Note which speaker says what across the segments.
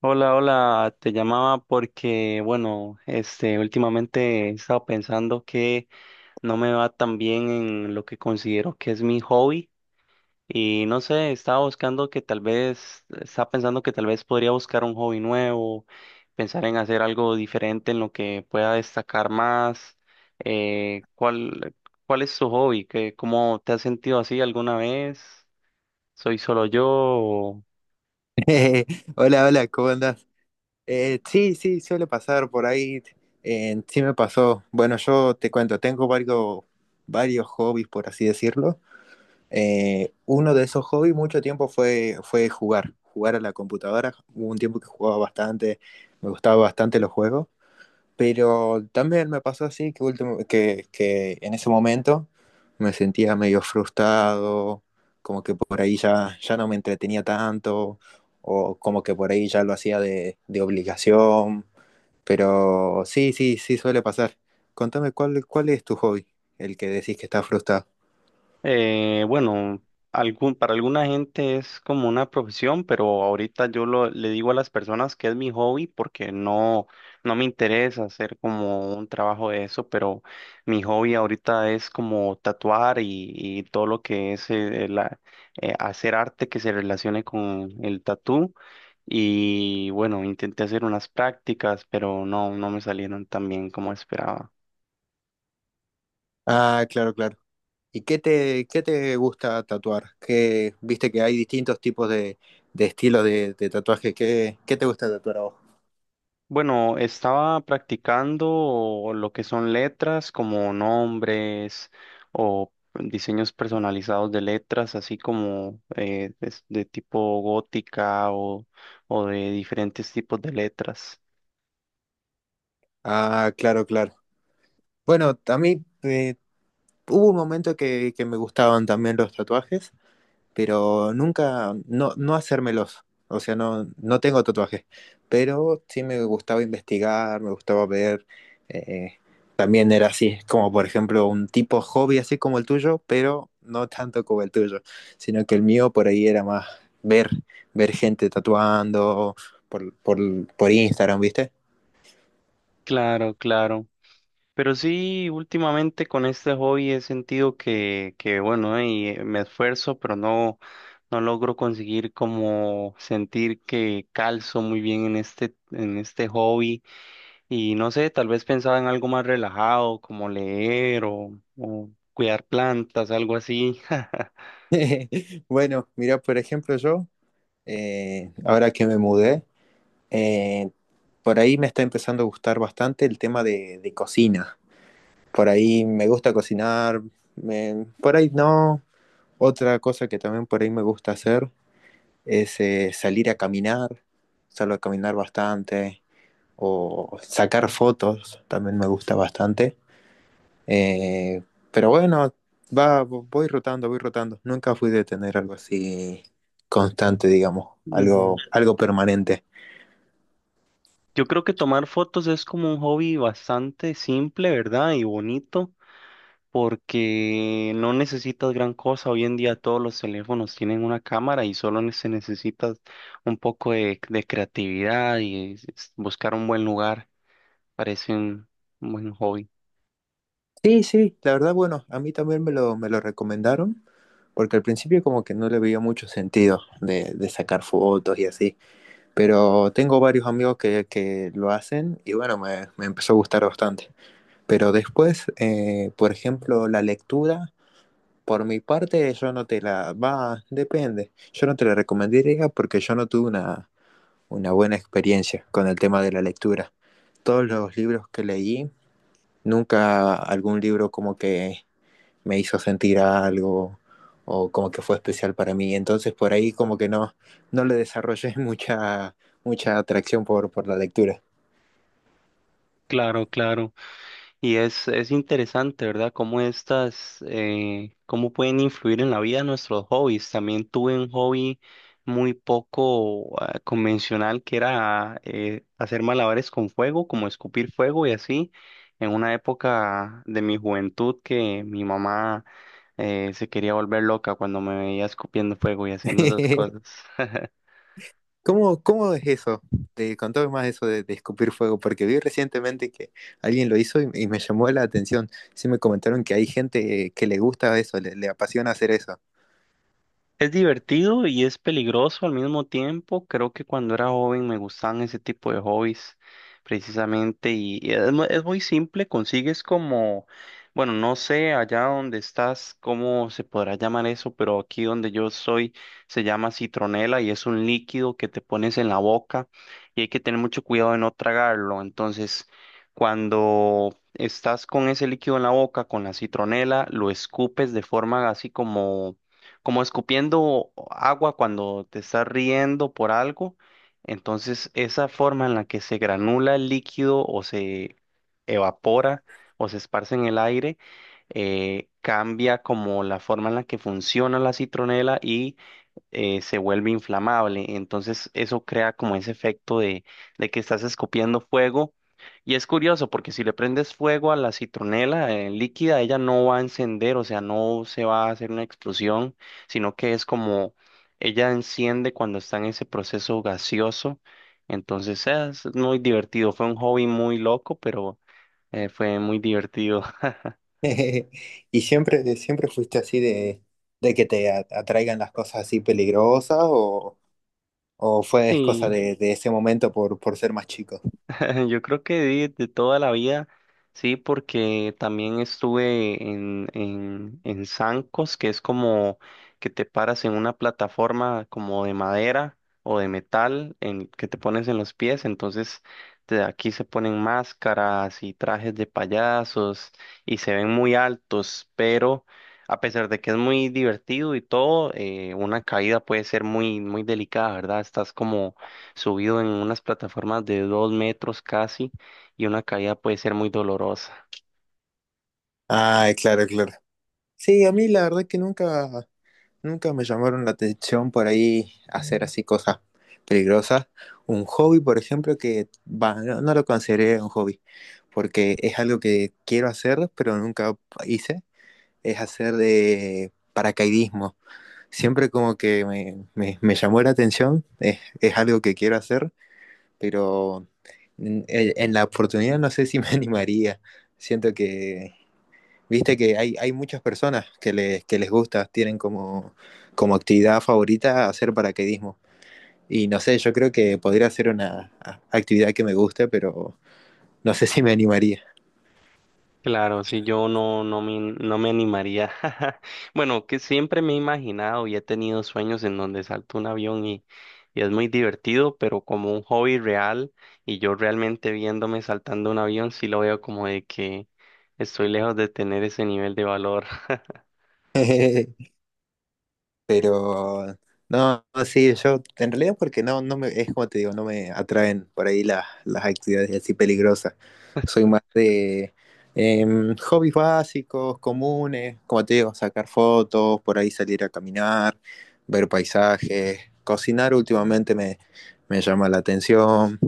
Speaker 1: Hola, hola, te llamaba porque, bueno, últimamente he estado pensando que no me va tan bien en lo que considero que es mi hobby y no sé, estaba buscando que tal vez, estaba pensando que tal vez podría buscar un hobby nuevo, pensar en hacer algo diferente en lo que pueda destacar más. ¿Cuál, cuál es tu hobby? ¿Qué, cómo te has sentido así alguna vez? ¿Soy solo yo?
Speaker 2: Eh, Hola, hola, ¿cómo andás? Sí, sí, suele pasar por ahí. Sí me pasó. Bueno, yo te cuento, tengo varios hobbies, por así decirlo. Uno de esos hobbies mucho tiempo fue jugar a la computadora. Hubo un tiempo que jugaba bastante, me gustaba bastante los juegos. Pero también me pasó así que en ese momento me sentía medio frustrado, como que por ahí ya no me entretenía tanto, o como que por ahí ya lo hacía de obligación. Pero sí, sí, sí suele pasar. Contame, ¿ cuál es tu hobby? El que decís que estás frustrado.
Speaker 1: Bueno, algún, para alguna gente es como una profesión, pero ahorita yo lo, le digo a las personas que es mi hobby porque no, no me interesa hacer como un trabajo de eso, pero mi hobby ahorita es como tatuar y todo lo que es hacer arte que se relacione con el tatú. Y bueno, intenté hacer unas prácticas, pero no, no me salieron tan bien como esperaba.
Speaker 2: Ah, claro, claro. ¿Y qué qué te gusta tatuar? ¿Qué, viste que hay distintos tipos de estilos de tatuaje? ¿Qué, qué te gusta tatuar a vos?
Speaker 1: Bueno, estaba practicando lo que son letras como nombres o diseños personalizados de letras, así como de, tipo gótica o de diferentes tipos de letras.
Speaker 2: Ah, claro, claro. Bueno, a mí hubo un momento que me gustaban también los tatuajes, pero nunca, no, no hacérmelos. O sea, no, no tengo tatuajes, pero sí me gustaba investigar, me gustaba ver. eh, También era así, como por ejemplo un tipo hobby así como el tuyo, pero no tanto como el tuyo, sino que el mío por ahí era más ver, ver gente tatuando por, por, por Instagram, ¿viste?
Speaker 1: Claro, claro. Pero sí, últimamente con este hobby he sentido que bueno, y me esfuerzo, pero no, no logro conseguir como sentir que calzo muy bien en este hobby. Y no sé, tal vez pensaba en algo más relajado, como leer o cuidar plantas, algo así.
Speaker 2: Bueno, mira, por ejemplo, yo. Ahora que me mudé. Eh, por ahí me está empezando a gustar bastante el tema de cocina. Por ahí me gusta cocinar, por ahí no. Otra cosa que también por ahí me gusta hacer es salir a caminar, salgo a caminar bastante, o sacar fotos, también me gusta bastante. Eh, pero bueno, voy voy rotando. Nunca fui de tener algo así constante, digamos, algo,
Speaker 1: Ujú.
Speaker 2: algo permanente.
Speaker 1: Yo creo que tomar fotos es como un hobby bastante simple, ¿verdad? Y bonito. Porque no necesitas gran cosa. Hoy en día todos los teléfonos tienen una cámara y solo se necesita un poco de creatividad y buscar un buen lugar. Parece un buen hobby.
Speaker 2: Sí, sí, la verdad, bueno, a mí también me me lo recomendaron, porque al principio como que no le veía mucho sentido de sacar fotos y así, pero tengo varios amigos que lo hacen y bueno, me empezó a gustar bastante. Pero después, por ejemplo, la lectura, por mi parte, yo no te depende, yo no te la recomendaría porque yo no tuve una buena experiencia con el tema de la lectura. Todos los libros que leí, nunca algún libro como que me hizo sentir algo o como que fue especial para mí. Entonces por ahí como que no, no le desarrollé mucha, mucha atracción por la lectura.
Speaker 1: Claro, claro. Y es interesante, ¿verdad? Cómo estas, cómo pueden influir en la vida de nuestros hobbies. También tuve un hobby muy poco, ah, convencional que era hacer malabares con fuego, como escupir fuego y así. En una época de mi juventud que mi mamá se quería volver loca cuando me veía escupiendo fuego y haciendo esas cosas.
Speaker 2: ¿Cómo es eso? Te contame más eso de escupir fuego, porque vi recientemente que alguien lo hizo y me llamó la atención. Sí me comentaron que hay gente que le gusta eso, le apasiona hacer eso.
Speaker 1: Es divertido y es peligroso al mismo tiempo. Creo que cuando era joven me gustaban ese tipo de hobbies precisamente y es, es muy simple, consigues como, bueno, no sé allá donde estás, cómo se podrá llamar eso, pero aquí donde yo soy se llama citronela y es un líquido que te pones en la boca y hay que tener mucho cuidado de no tragarlo. Entonces, cuando estás con ese líquido en la boca, con la citronela, lo escupes de forma así como como escupiendo agua cuando te estás riendo por algo. Entonces, esa forma en la que se granula el líquido o se evapora o se esparce en el aire, cambia como la forma en la que funciona la citronela y se vuelve inflamable. Entonces eso crea como ese efecto de que estás escupiendo fuego. Y es curioso porque si le prendes fuego a la citronela líquida, ella no va a encender, o sea, no se va a hacer una explosión, sino que es como ella enciende cuando está en ese proceso gaseoso. Entonces es muy divertido, fue un hobby muy loco, pero fue muy divertido.
Speaker 2: ¿Y siempre, siempre fuiste así de, de que te atraigan las cosas así peligrosas o, ¿O fue es cosa
Speaker 1: Sí.
Speaker 2: de ese momento por ser más chico?
Speaker 1: Yo creo que de toda la vida, sí, porque también estuve en zancos, que es como que te paras en una plataforma como de madera o de metal en, que te pones en los pies, entonces aquí se ponen máscaras y trajes de payasos y se ven muy altos, pero a pesar de que es muy divertido y todo, una caída puede ser muy, muy delicada, ¿verdad? Estás como subido en unas plataformas de dos metros casi y una caída puede ser muy dolorosa.
Speaker 2: Ah, claro, claro. Sí, a mí la verdad que nunca, nunca me llamaron la atención por ahí hacer así cosas peligrosas. Un hobby, por ejemplo, que bah, no, no lo consideré un hobby, porque es algo que quiero hacer, pero nunca hice, es hacer de paracaidismo. Siempre como que me llamó la atención, es algo que quiero hacer, pero en la oportunidad no sé si me animaría. Siento que, viste que hay muchas personas que que les gusta, tienen como, como actividad favorita hacer paracaidismo. Y no sé, yo creo que podría ser una actividad que me guste, pero no sé si me animaría.
Speaker 1: Claro, sí, yo no, no me, no me animaría. Bueno, que siempre me he imaginado y he tenido sueños en donde salto un avión y es muy divertido, pero como un hobby real y yo realmente viéndome saltando un avión, sí lo veo como de que estoy lejos de tener ese nivel de valor.
Speaker 2: Pero no, sí, yo en realidad porque no, no me, es como te digo, no me atraen por ahí las actividades así peligrosas. Soy más de hobbies básicos, comunes, como te digo, sacar fotos, por ahí salir a caminar, ver paisajes, cocinar últimamente me llama la atención.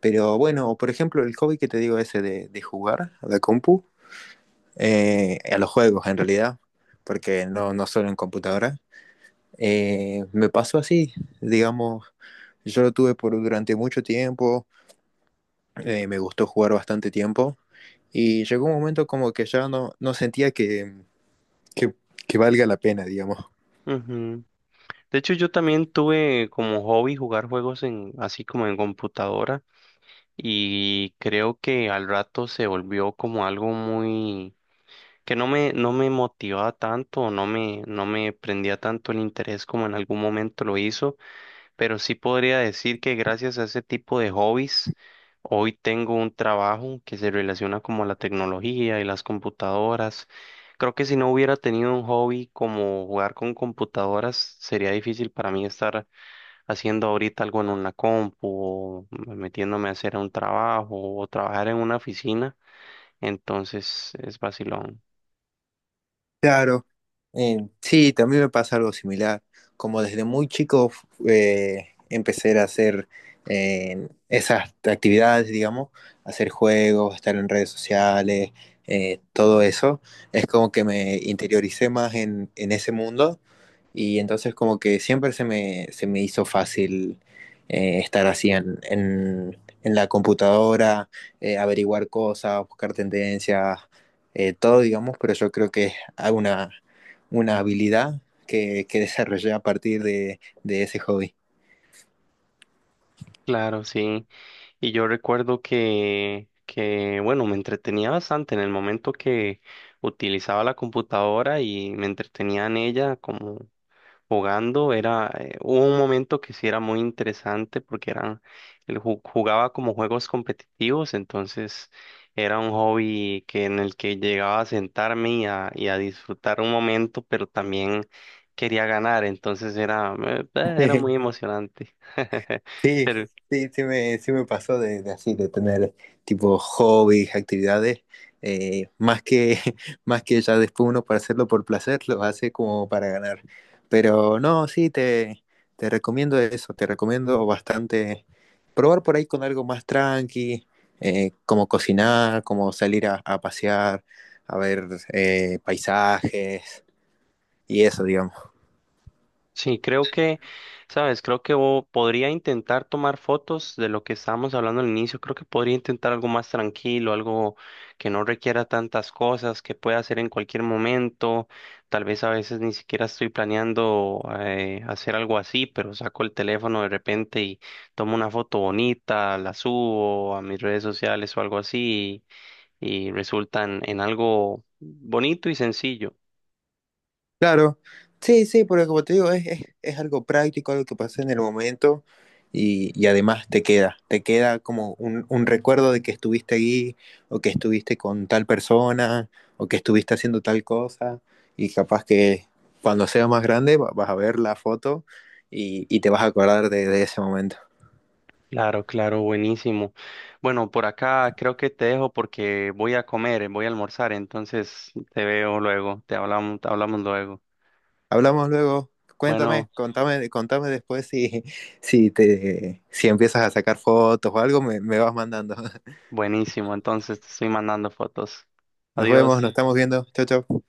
Speaker 2: Pero bueno, por ejemplo, el hobby que te digo ese de jugar a la compu, a los juegos en realidad, porque no, no solo en computadora. Me pasó así, digamos, yo lo tuve por durante mucho tiempo, me gustó jugar bastante tiempo y llegó un momento como que ya no, no sentía que, que valga la pena, digamos.
Speaker 1: Ujú. De hecho, yo también tuve como hobby jugar juegos en, así como en computadora. Y creo que al rato se volvió como algo muy que no me motivaba tanto, no me prendía tanto el interés como en algún momento lo hizo, pero sí podría decir que gracias a ese tipo de hobbies hoy tengo un trabajo que se relaciona como a la tecnología y las computadoras. Creo que si no hubiera tenido un hobby como jugar con computadoras, sería difícil para mí estar haciendo ahorita algo en una compu o metiéndome a hacer un trabajo o trabajar en una oficina, entonces es vacilón.
Speaker 2: Claro, sí, también me pasa algo similar. Como desde muy chico empecé a hacer esas actividades, digamos, hacer juegos, estar en redes sociales, todo eso, es como que me interioricé más en ese mundo. Y entonces como que siempre se me hizo fácil estar así en la computadora, averiguar cosas, buscar tendencias, todo, digamos, pero yo creo que es una, una habilidad que desarrollé a partir de ese hobby.
Speaker 1: Claro, sí. Y yo recuerdo que, bueno, me entretenía bastante en el momento que utilizaba la computadora y me entretenía en ella como jugando era hubo un momento que sí era muy interesante porque eran jugaba como juegos competitivos, entonces era un hobby que en el que llegaba a sentarme y a disfrutar un momento, pero también quería ganar, entonces era era muy emocionante.
Speaker 2: Sí,
Speaker 1: Pero
Speaker 2: sí me pasó de así, de tener tipo hobbies, actividades, más que, más que ya después uno para hacerlo por placer, lo hace como para ganar. Pero no, te recomiendo eso, te recomiendo bastante probar por ahí con algo más tranqui, como cocinar, como salir a pasear, a ver paisajes y eso, digamos.
Speaker 1: sí, creo que, sabes, creo que podría intentar tomar fotos de lo que estábamos hablando al inicio. Creo que podría intentar algo más tranquilo, algo que no requiera tantas cosas, que pueda hacer en cualquier momento. Tal vez a veces ni siquiera estoy planeando hacer algo así, pero saco el teléfono de repente y tomo una foto bonita, la subo a mis redes sociales o algo así y resulta en algo bonito y sencillo.
Speaker 2: Claro, sí, sí, porque como te digo, es algo práctico, algo que pasa en el momento y además te queda como un recuerdo de que estuviste ahí o que estuviste con tal persona o que estuviste haciendo tal cosa y capaz que cuando seas más grande vas a ver la foto y te vas a acordar de ese momento.
Speaker 1: Claro, claro, buenísimo. Bueno, por acá creo que te dejo porque voy a comer, voy a almorzar, entonces te veo luego, te hablamos luego.
Speaker 2: Hablamos luego,
Speaker 1: Bueno,
Speaker 2: contame después si empiezas a sacar fotos o algo, me vas mandando.
Speaker 1: buenísimo, entonces te estoy mandando fotos.
Speaker 2: Nos vemos,
Speaker 1: Adiós.
Speaker 2: nos estamos viendo, chao, chao.